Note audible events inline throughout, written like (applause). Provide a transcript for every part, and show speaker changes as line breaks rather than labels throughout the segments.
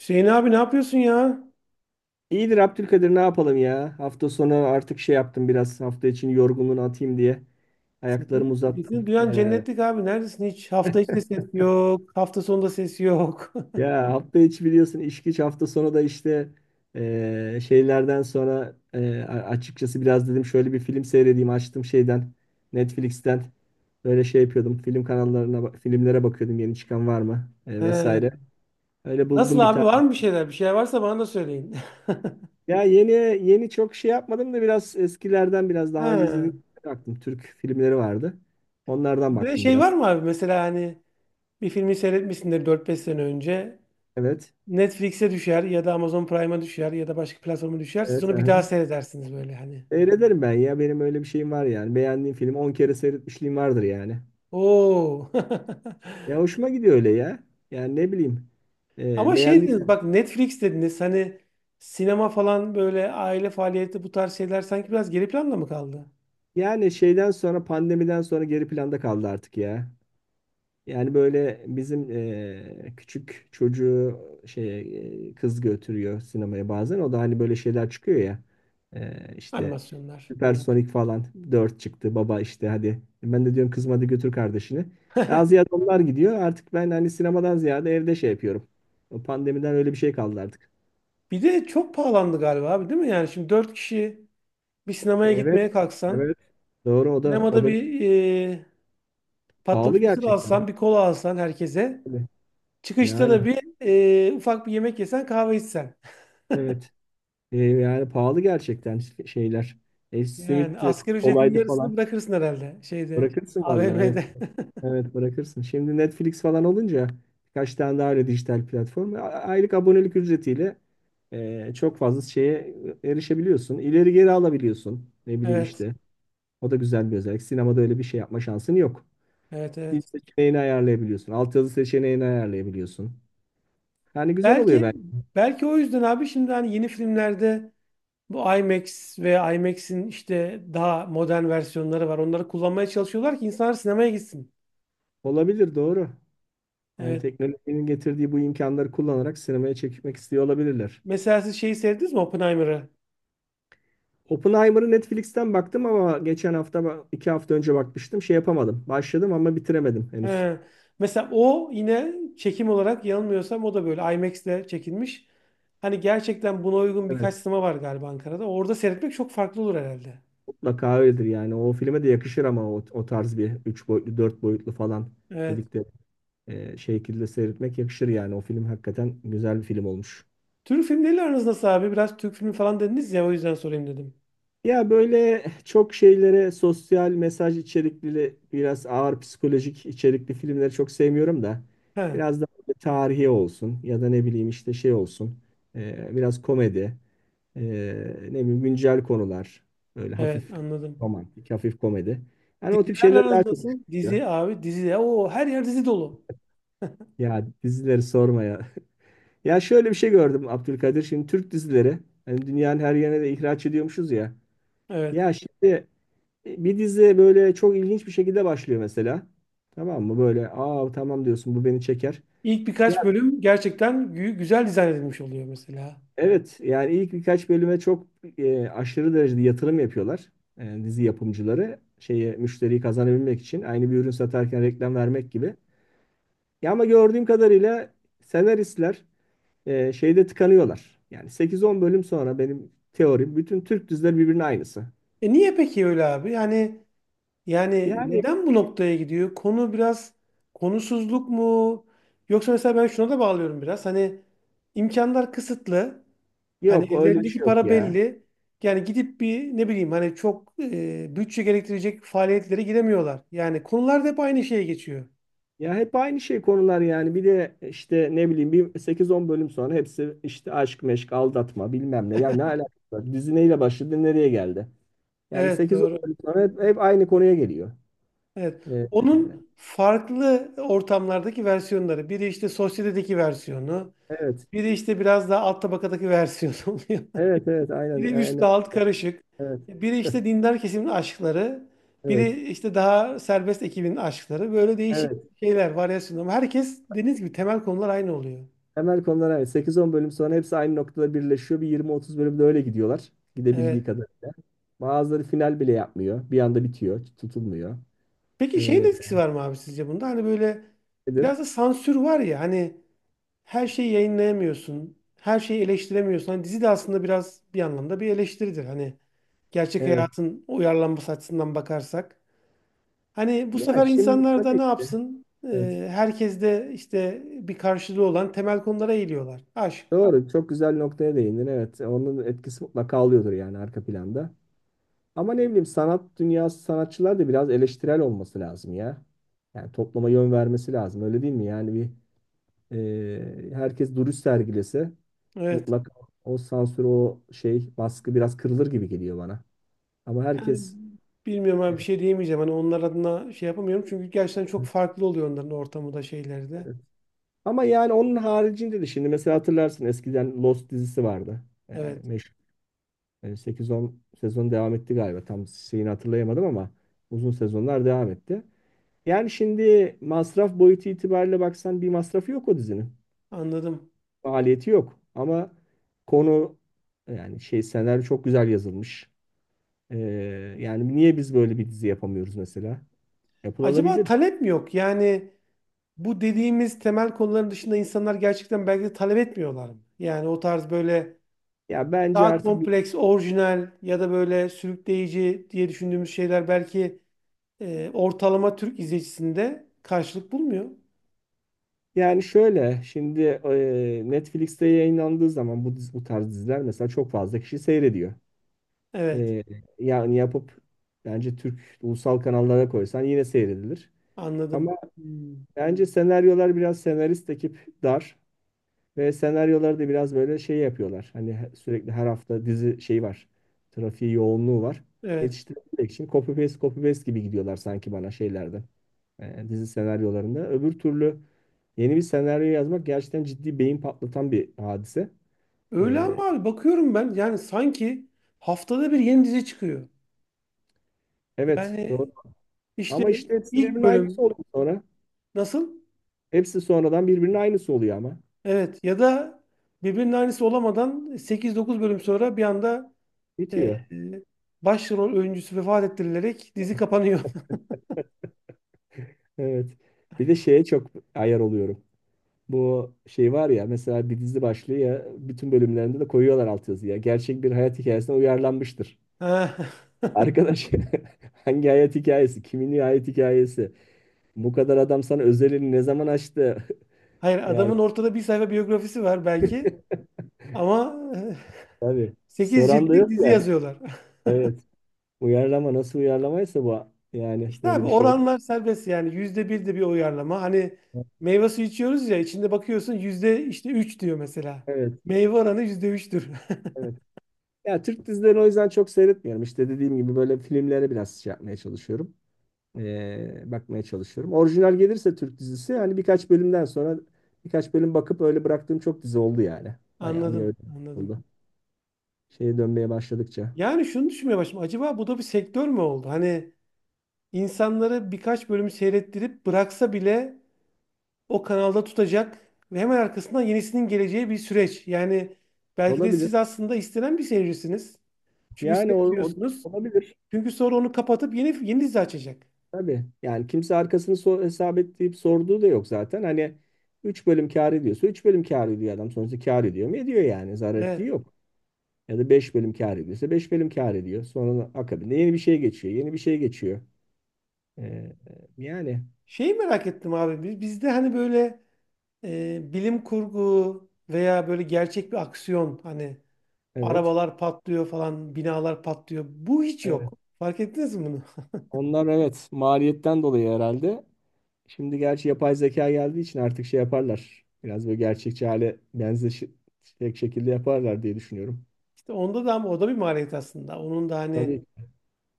Hüseyin abi, ne yapıyorsun ya?
İyidir Abdülkadir ne yapalım ya? Hafta sonu artık şey yaptım biraz hafta için yorgunluğunu atayım diye. Ayaklarımı
Sesin.
uzattım.
Sesini duyan
Ee,
cennetlik abi. Neredesin hiç? Hafta içi de ses yok, hafta sonunda ses yok.
ya hafta içi biliyorsun iş güç hafta sonu da işte şeylerden sonra açıkçası biraz dedim şöyle bir film seyredeyim açtım şeyden Netflix'ten böyle şey yapıyordum film kanallarına filmlere bakıyordum yeni çıkan var mı vesaire.
(laughs) He.
Öyle
Nasıl
buldum bir
abi, var
tane.
mı bir şeyler? Bir şeyler varsa bana da söyleyin.
Ya yeni yeni çok şey yapmadım da biraz eskilerden biraz
(laughs)
daha önce izlediğim
He.
baktım. Türk filmleri vardı. Onlardan
Bir de
baktım
şey var
biraz.
mı abi? Mesela hani bir filmi seyretmişsindir 4-5 sene önce.
Evet.
Netflix'e düşer ya da Amazon Prime'a düşer ya da başka platforma düşer. Siz
Evet.
onu bir daha
Aha.
seyredersiniz böyle hani.
Seyrederim ben ya. Benim öyle bir şeyim var yani. Beğendiğim filmi 10 kere seyretmişliğim vardır yani.
Oo. (laughs)
Ya hoşuma gidiyor öyle ya. Yani ne bileyim. Ee,
Ama şey dediniz
beğendiysen.
bak, Netflix dediniz hani, sinema falan böyle aile faaliyeti, bu tarz şeyler sanki biraz geri planda mı kaldı?
Yani şeyden sonra pandemiden sonra geri planda kaldı artık ya. Yani böyle bizim küçük çocuğu şey kız götürüyor sinemaya bazen. O da hani böyle şeyler çıkıyor ya. İşte
Animasyonlar.
Süpersonik falan 4 çıktı. Baba işte hadi. Ben de diyorum kızım hadi götür kardeşini. Daha ziyade onlar gidiyor. Artık ben hani sinemadan ziyade evde şey yapıyorum. O pandemiden öyle bir şey kaldı artık.
Bir de çok pahalandı galiba abi, değil mi? Yani şimdi 4 kişi bir sinemaya
Evet.
gitmeye kalksan,
Evet. Doğru o da o
sinemada
da
bir e,
pahalı
patlamış mısır
gerçekten.
alsan, bir kola alsan herkese,
Tabii.
çıkışta
Yani
da bir ufak bir yemek yesen, kahve içsen. (laughs)
evet. Yani pahalı gerçekten şeyler. E,
Yani
simitti,
asgari ücretin
kolaydı
yarısını
falan.
bırakırsın herhalde şeyde,
Bırakırsın vallahi evet.
AVM'de. (laughs)
Evet bırakırsın. Şimdi Netflix falan olunca birkaç tane daha öyle dijital platform. Aylık abonelik ücretiyle çok fazla şeye erişebiliyorsun. İleri geri alabiliyorsun. Ne bileyim
Evet.
işte. O da güzel bir özellik. Sinemada öyle bir şey yapma şansın yok.
Evet,
Dil
evet.
seçeneğini ayarlayabiliyorsun. Altyazı seçeneğini ayarlayabiliyorsun. Yani güzel oluyor
Belki
bence.
belki o yüzden abi, şimdi hani yeni filmlerde bu IMAX ve IMAX'in işte daha modern versiyonları var. Onları kullanmaya çalışıyorlar ki insanlar sinemaya gitsin.
Olabilir doğru. Yani
Evet.
teknolojinin getirdiği bu imkanları kullanarak sinemaya çekmek istiyor olabilirler.
Mesela siz şeyi sevdiniz mi, Oppenheimer'ı?
Oppenheimer'ı Netflix'ten baktım ama geçen hafta, 2 hafta önce bakmıştım. Şey yapamadım. Başladım ama bitiremedim henüz.
He. Mesela o yine çekim olarak yanılmıyorsam o da böyle IMAX'le çekilmiş. Hani gerçekten buna uygun
Evet.
birkaç sinema var galiba Ankara'da. Orada seyretmek çok farklı olur herhalde.
Mutlaka öyledir yani. O filme de yakışır ama o tarz bir 3 boyutlu, 4 boyutlu falan
Evet.
dedikleri şekilde seyretmek yakışır yani. O film hakikaten güzel bir film olmuş.
Türk filmleriyle aranız nasıl abi? Biraz Türk filmi falan dediniz ya, o yüzden sorayım dedim.
Ya böyle çok şeylere sosyal mesaj içerikli biraz ağır psikolojik içerikli filmleri çok sevmiyorum da
He.
biraz da tarihi olsun ya da ne bileyim işte şey olsun biraz komedi ee, ne bileyim güncel konular böyle
Evet,
hafif
anladım.
romantik hafif komedi yani o tip
Dizilerle
şeyler daha
aranız
çok
nasıl?
hoşuma gidiyor.
Dizi abi, dizi ya. O her yer dizi dolu.
Ya dizileri sorma ya. (laughs) Ya şöyle bir şey gördüm Abdülkadir, şimdi Türk dizileri hani dünyanın her yerine de ihraç ediyormuşuz ya.
Evet.
Ya şimdi bir dizi böyle çok ilginç bir şekilde başlıyor mesela. Tamam mı? Böyle aa tamam diyorsun bu beni çeker.
İlk
Ya
birkaç bölüm gerçekten güzel dizayn edilmiş oluyor mesela.
evet yani ilk birkaç bölüme çok aşırı derecede yatırım yapıyorlar. Dizi yapımcıları şeye müşteriyi kazanabilmek için aynı bir ürün satarken reklam vermek gibi. Ya ama gördüğüm kadarıyla senaristler şeyde tıkanıyorlar. Yani 8-10 bölüm sonra benim teorim bütün Türk dizileri birbirine aynısı.
E niye peki öyle abi? Yani
Yani
neden bu noktaya gidiyor? Konu biraz, konusuzluk mu? Yoksa mesela ben şuna da bağlıyorum biraz. Hani imkanlar kısıtlı. Hani
yok öyle bir şey
ellerindeki
yok
para
ya.
belli. Yani gidip bir ne bileyim hani çok bütçe gerektirecek faaliyetlere giremiyorlar. Yani konular da hep aynı şeye geçiyor.
Ya hep aynı şey konular yani. Bir de işte ne bileyim bir 8-10 bölüm sonra hepsi işte aşk meşk aldatma bilmem ne. Ya ne alakası var? Dizi neyle başladı nereye geldi? Yani
Evet,
8-10
doğru.
bölüm sonra hep aynı konuya geliyor.
Evet.
Ee,
Onun farklı ortamlardaki versiyonları. Biri işte sosyetedeki versiyonu.
evet.
Biri işte biraz daha alt tabakadaki versiyonu (laughs) oluyor.
Evet evet aynen
Biri üstle
aynen
alt karışık.
evet
Biri işte dindar kesimin aşkları.
evet
Biri işte daha serbest ekibin aşkları. Böyle değişik
evet.
şeyler, varyasyonlar. Ama herkes dediğiniz gibi temel konular aynı oluyor.
Temel konular aynı. 8-10 bölüm sonra hepsi aynı noktada birleşiyor. Bir 20-30 bölümde öyle gidiyorlar. Gidebildiği
Evet.
kadarıyla. Bazıları final bile yapmıyor. Bir anda bitiyor, tutulmuyor.
Peki şeyin
Ee,
etkisi var mı abi sizce bunda? Hani böyle
nedir?
biraz da sansür var ya hani, her şeyi yayınlayamıyorsun, her şeyi eleştiremiyorsun. Hani dizi de aslında biraz bir anlamda bir eleştiridir. Hani gerçek
Evet.
hayatın uyarlanması açısından bakarsak. Hani bu
Ya
sefer
şimdi
insanlar da
tabii
ne
ki.
yapsın?
Evet.
Herkes de işte bir karşılığı olan temel konulara eğiliyorlar. Aşk.
Doğru. Çok güzel noktaya değindin. Evet. Onun etkisi mutlaka oluyordur yani arka planda. Ama ne bileyim sanat dünyası sanatçılar da biraz eleştirel olması lazım ya. Yani topluma yön vermesi lazım. Öyle değil mi? Yani bir herkes duruş sergilese
Evet.
mutlaka o sansür o şey baskı biraz kırılır gibi geliyor bana. Ama
Yani
herkes
bilmiyorum abi, bir
e,
şey diyemeyeceğim. Hani onlar adına şey yapamıyorum. Çünkü gerçekten çok farklı oluyor onların ortamı da şeyleri de.
ama yani onun haricinde de şimdi mesela hatırlarsın eskiden Lost dizisi vardı. E,
Evet,
meşhur. 8-10 sezon devam etti galiba. Tam şeyini hatırlayamadım ama uzun sezonlar devam etti. Yani şimdi masraf boyutu itibariyle baksan bir masrafı yok o dizinin.
anladım.
Maliyeti yok. Ama konu yani şey senaryo çok güzel yazılmış. E, yani niye biz böyle bir dizi yapamıyoruz mesela?
Acaba
Yapılabilir.
talep mi yok? Yani bu dediğimiz temel konuların dışında insanlar gerçekten belki de talep etmiyorlar mı? Yani o tarz böyle
Ya bence
daha
artık
kompleks, orijinal ya da böyle sürükleyici diye düşündüğümüz şeyler belki ortalama Türk izleyicisinde karşılık bulmuyor.
yani şöyle şimdi Netflix'te yayınlandığı zaman bu tarz diziler mesela çok fazla kişi seyrediyor.
Evet,
Ee, yani yapıp bence Türk ulusal kanallara koysan yine seyredilir.
anladım.
Ama
Hmm,
bence senaryolar biraz senarist ekip dar ve senaryoları da biraz böyle şey yapıyorlar. Hani sürekli her hafta dizi şey var. Trafiği yoğunluğu var.
evet.
Yetiştirebilmek için copy paste copy paste gibi gidiyorlar sanki bana şeylerde. Dizi senaryolarında. Öbür türlü yeni bir senaryo yazmak gerçekten ciddi beyin patlatan bir hadise.
Öyle
Ee,
ama abi, bakıyorum ben yani sanki haftada bir yeni dizi çıkıyor.
evet doğru.
Yani işte
Ama işte hepsi
ilk
birbirinin aynısı
bölüm
oluyor sonra.
nasıl?
Hepsi sonradan birbirinin aynısı oluyor ama.
Evet, ya da birbirinin aynısı olamadan 8-9 bölüm sonra bir anda Ee,
Bitiyor.
başrol oyuncusu vefat ettirilerek dizi kapanıyor. (laughs)
Evet. Bir de şeye çok ayar oluyorum. Bu şey var ya mesela bir dizi başlıyor ya bütün bölümlerinde de koyuyorlar altyazıya. Gerçek bir hayat hikayesine uyarlanmıştır.
Ha.
Arkadaş (laughs) hangi hayat hikayesi? Kimin hayat hikayesi? Bu kadar adam sana özelini ne zaman açtı?
Hayır,
(laughs) Yani
adamın ortada bir sayfa biyografisi var belki ama
tabii.
8
Soran da
ciltlik
yok
dizi
ya.
yazıyorlar. (laughs)
Evet. Uyarlama nasıl uyarlamaysa bu yani
İşte
böyle
abi,
bir şey oldu.
oranlar serbest yani yüzde bir de bir uyarlama. Hani
Evet.
meyve suyu içiyoruz ya, içinde bakıyorsun yüzde işte 3 diyor mesela. Meyve oranı %3'tür.
Evet. Ya Türk dizilerini o yüzden çok seyretmiyorum. İşte dediğim gibi böyle filmlere biraz şey yapmaya çalışıyorum. Bakmaya çalışıyorum. Orijinal gelirse Türk dizisi hani birkaç bölümden sonra birkaç bölüm bakıp öyle bıraktığım çok dizi oldu yani.
(laughs)
Bayağı bir
Anladım,
öyle
anladım.
oldu. Şeye dönmeye başladıkça.
Yani şunu düşünmeye başladım. Acaba bu da bir sektör mü oldu? Hani insanları birkaç bölüm seyrettirip bıraksa bile o kanalda tutacak ve hemen arkasından yenisinin geleceği bir süreç. Yani belki de
Olabilir.
siz aslında istenen bir seyircisiniz. Çünkü
Yani
seyrediyorsunuz.
olabilir
Çünkü sonra onu kapatıp yeni yeni dizi açacak.
tabii. Yani kimse arkasını hesap ettiğip sorduğu da yok zaten. Hani 3 bölüm kâr ediyorsa 3 bölüm kâr ediyor adam. Sonuçta kâr ediyor mu? Ediyor yani. Zarar
Evet.
ettiği yok. Ya da 5 bölüm kâr ediyorsa 5 bölüm kâr ediyor. Sonra akabinde yeni bir şey geçiyor. Yeni bir şey geçiyor. Ee, yani
Şeyi merak ettim abi. Bizde hani böyle bilim kurgu veya böyle gerçek bir aksiyon, hani
evet.
arabalar patlıyor falan, binalar patlıyor. Bu hiç yok.
Evet.
Fark ettiniz mi bunu? (laughs)
Onlar, evet, maliyetten dolayı herhalde. Şimdi gerçi yapay zeka geldiği için artık şey yaparlar. Biraz böyle gerçekçi hale benzeşecek şekilde yaparlar diye düşünüyorum.
İşte onda da ama o da bir maliyet aslında. Onun da hani
Tabii.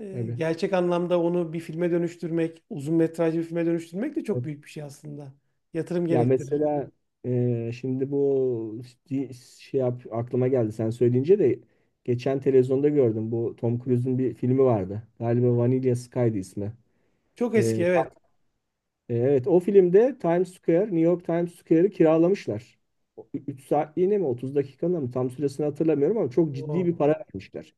Tabii.
Gerçek anlamda onu bir filme dönüştürmek, uzun metrajlı bir filme dönüştürmek de çok
Evet.
büyük bir şey aslında. Yatırım
Ya
gerektirir.
mesela şimdi bu şey yap, aklıma geldi sen söyleyince de geçen televizyonda gördüm bu Tom Cruise'un bir filmi vardı. Galiba Vanilla Sky'dı ismi.
Çok eski,
E,
evet.
evet o filmde Times Square, New York Times Square'ı kiralamışlar. 3 saatliğine mi 30 dakikada mı tam süresini hatırlamıyorum ama çok ciddi bir
Oo,
para
evet.
vermişler.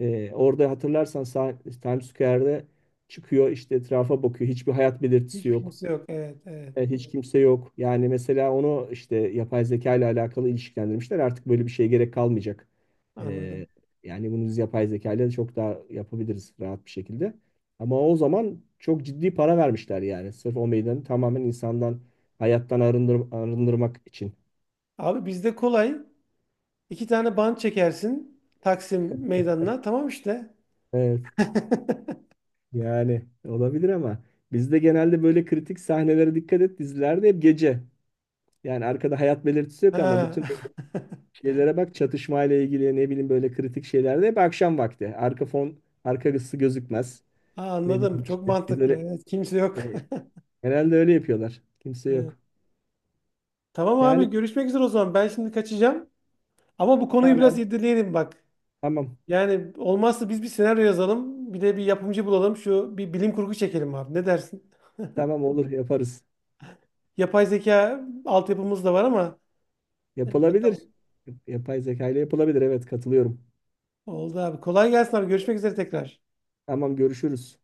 Orada hatırlarsan Times Square'de çıkıyor işte etrafa bakıyor hiçbir hayat belirtisi
Hiçbir
yok.
kimse yok. Evet, evet.
Evet, hiç kimse yok. Yani mesela onu işte yapay zeka ile alakalı ilişkilendirmişler. Artık böyle bir şeye gerek kalmayacak. Ee,
Anladım.
yani bunu biz yapay zeka ile çok daha yapabiliriz rahat bir şekilde. Ama o zaman çok ciddi para vermişler yani. Sırf o meydanı tamamen insandan, hayattan arındırmak için.
Abi, bizde kolay. 2 tane bant çekersin Taksim meydanına. Tamam işte.
Evet.
(laughs)
Yani olabilir ama bizde genelde böyle kritik sahnelere dikkat et dizilerde hep gece. Yani arkada hayat belirtisi yok ama
Ha.
bütün
(laughs)
şeylere bak çatışmayla ilgili ne bileyim böyle kritik şeylerde hep akşam vakti. Arka fon, arka ısı gözükmez.
Ha,
Ne
anladım.
bileyim
Çok
işte
mantıklı.
bizlere
Evet, kimse yok. (laughs)
e, genelde öyle yapıyorlar. Kimse
Evet.
yok.
Tamam abi,
Yani
görüşmek üzere o zaman. Ben şimdi kaçacağım. Ama bu konuyu biraz
tamam,
irdeleyelim bak.
tamam,
Yani olmazsa biz bir senaryo yazalım. Bir de bir yapımcı bulalım. Şu bir bilim kurgu çekelim abi. Ne dersin?
tamam, olur yaparız.
Yapay zeka altyapımız da var ama
Yapılabilir.
bakalım.
Yapay zeka ile yapılabilir, evet, katılıyorum.
Oldu abi. Kolay gelsin abi. Görüşmek üzere tekrar.
Tamam görüşürüz.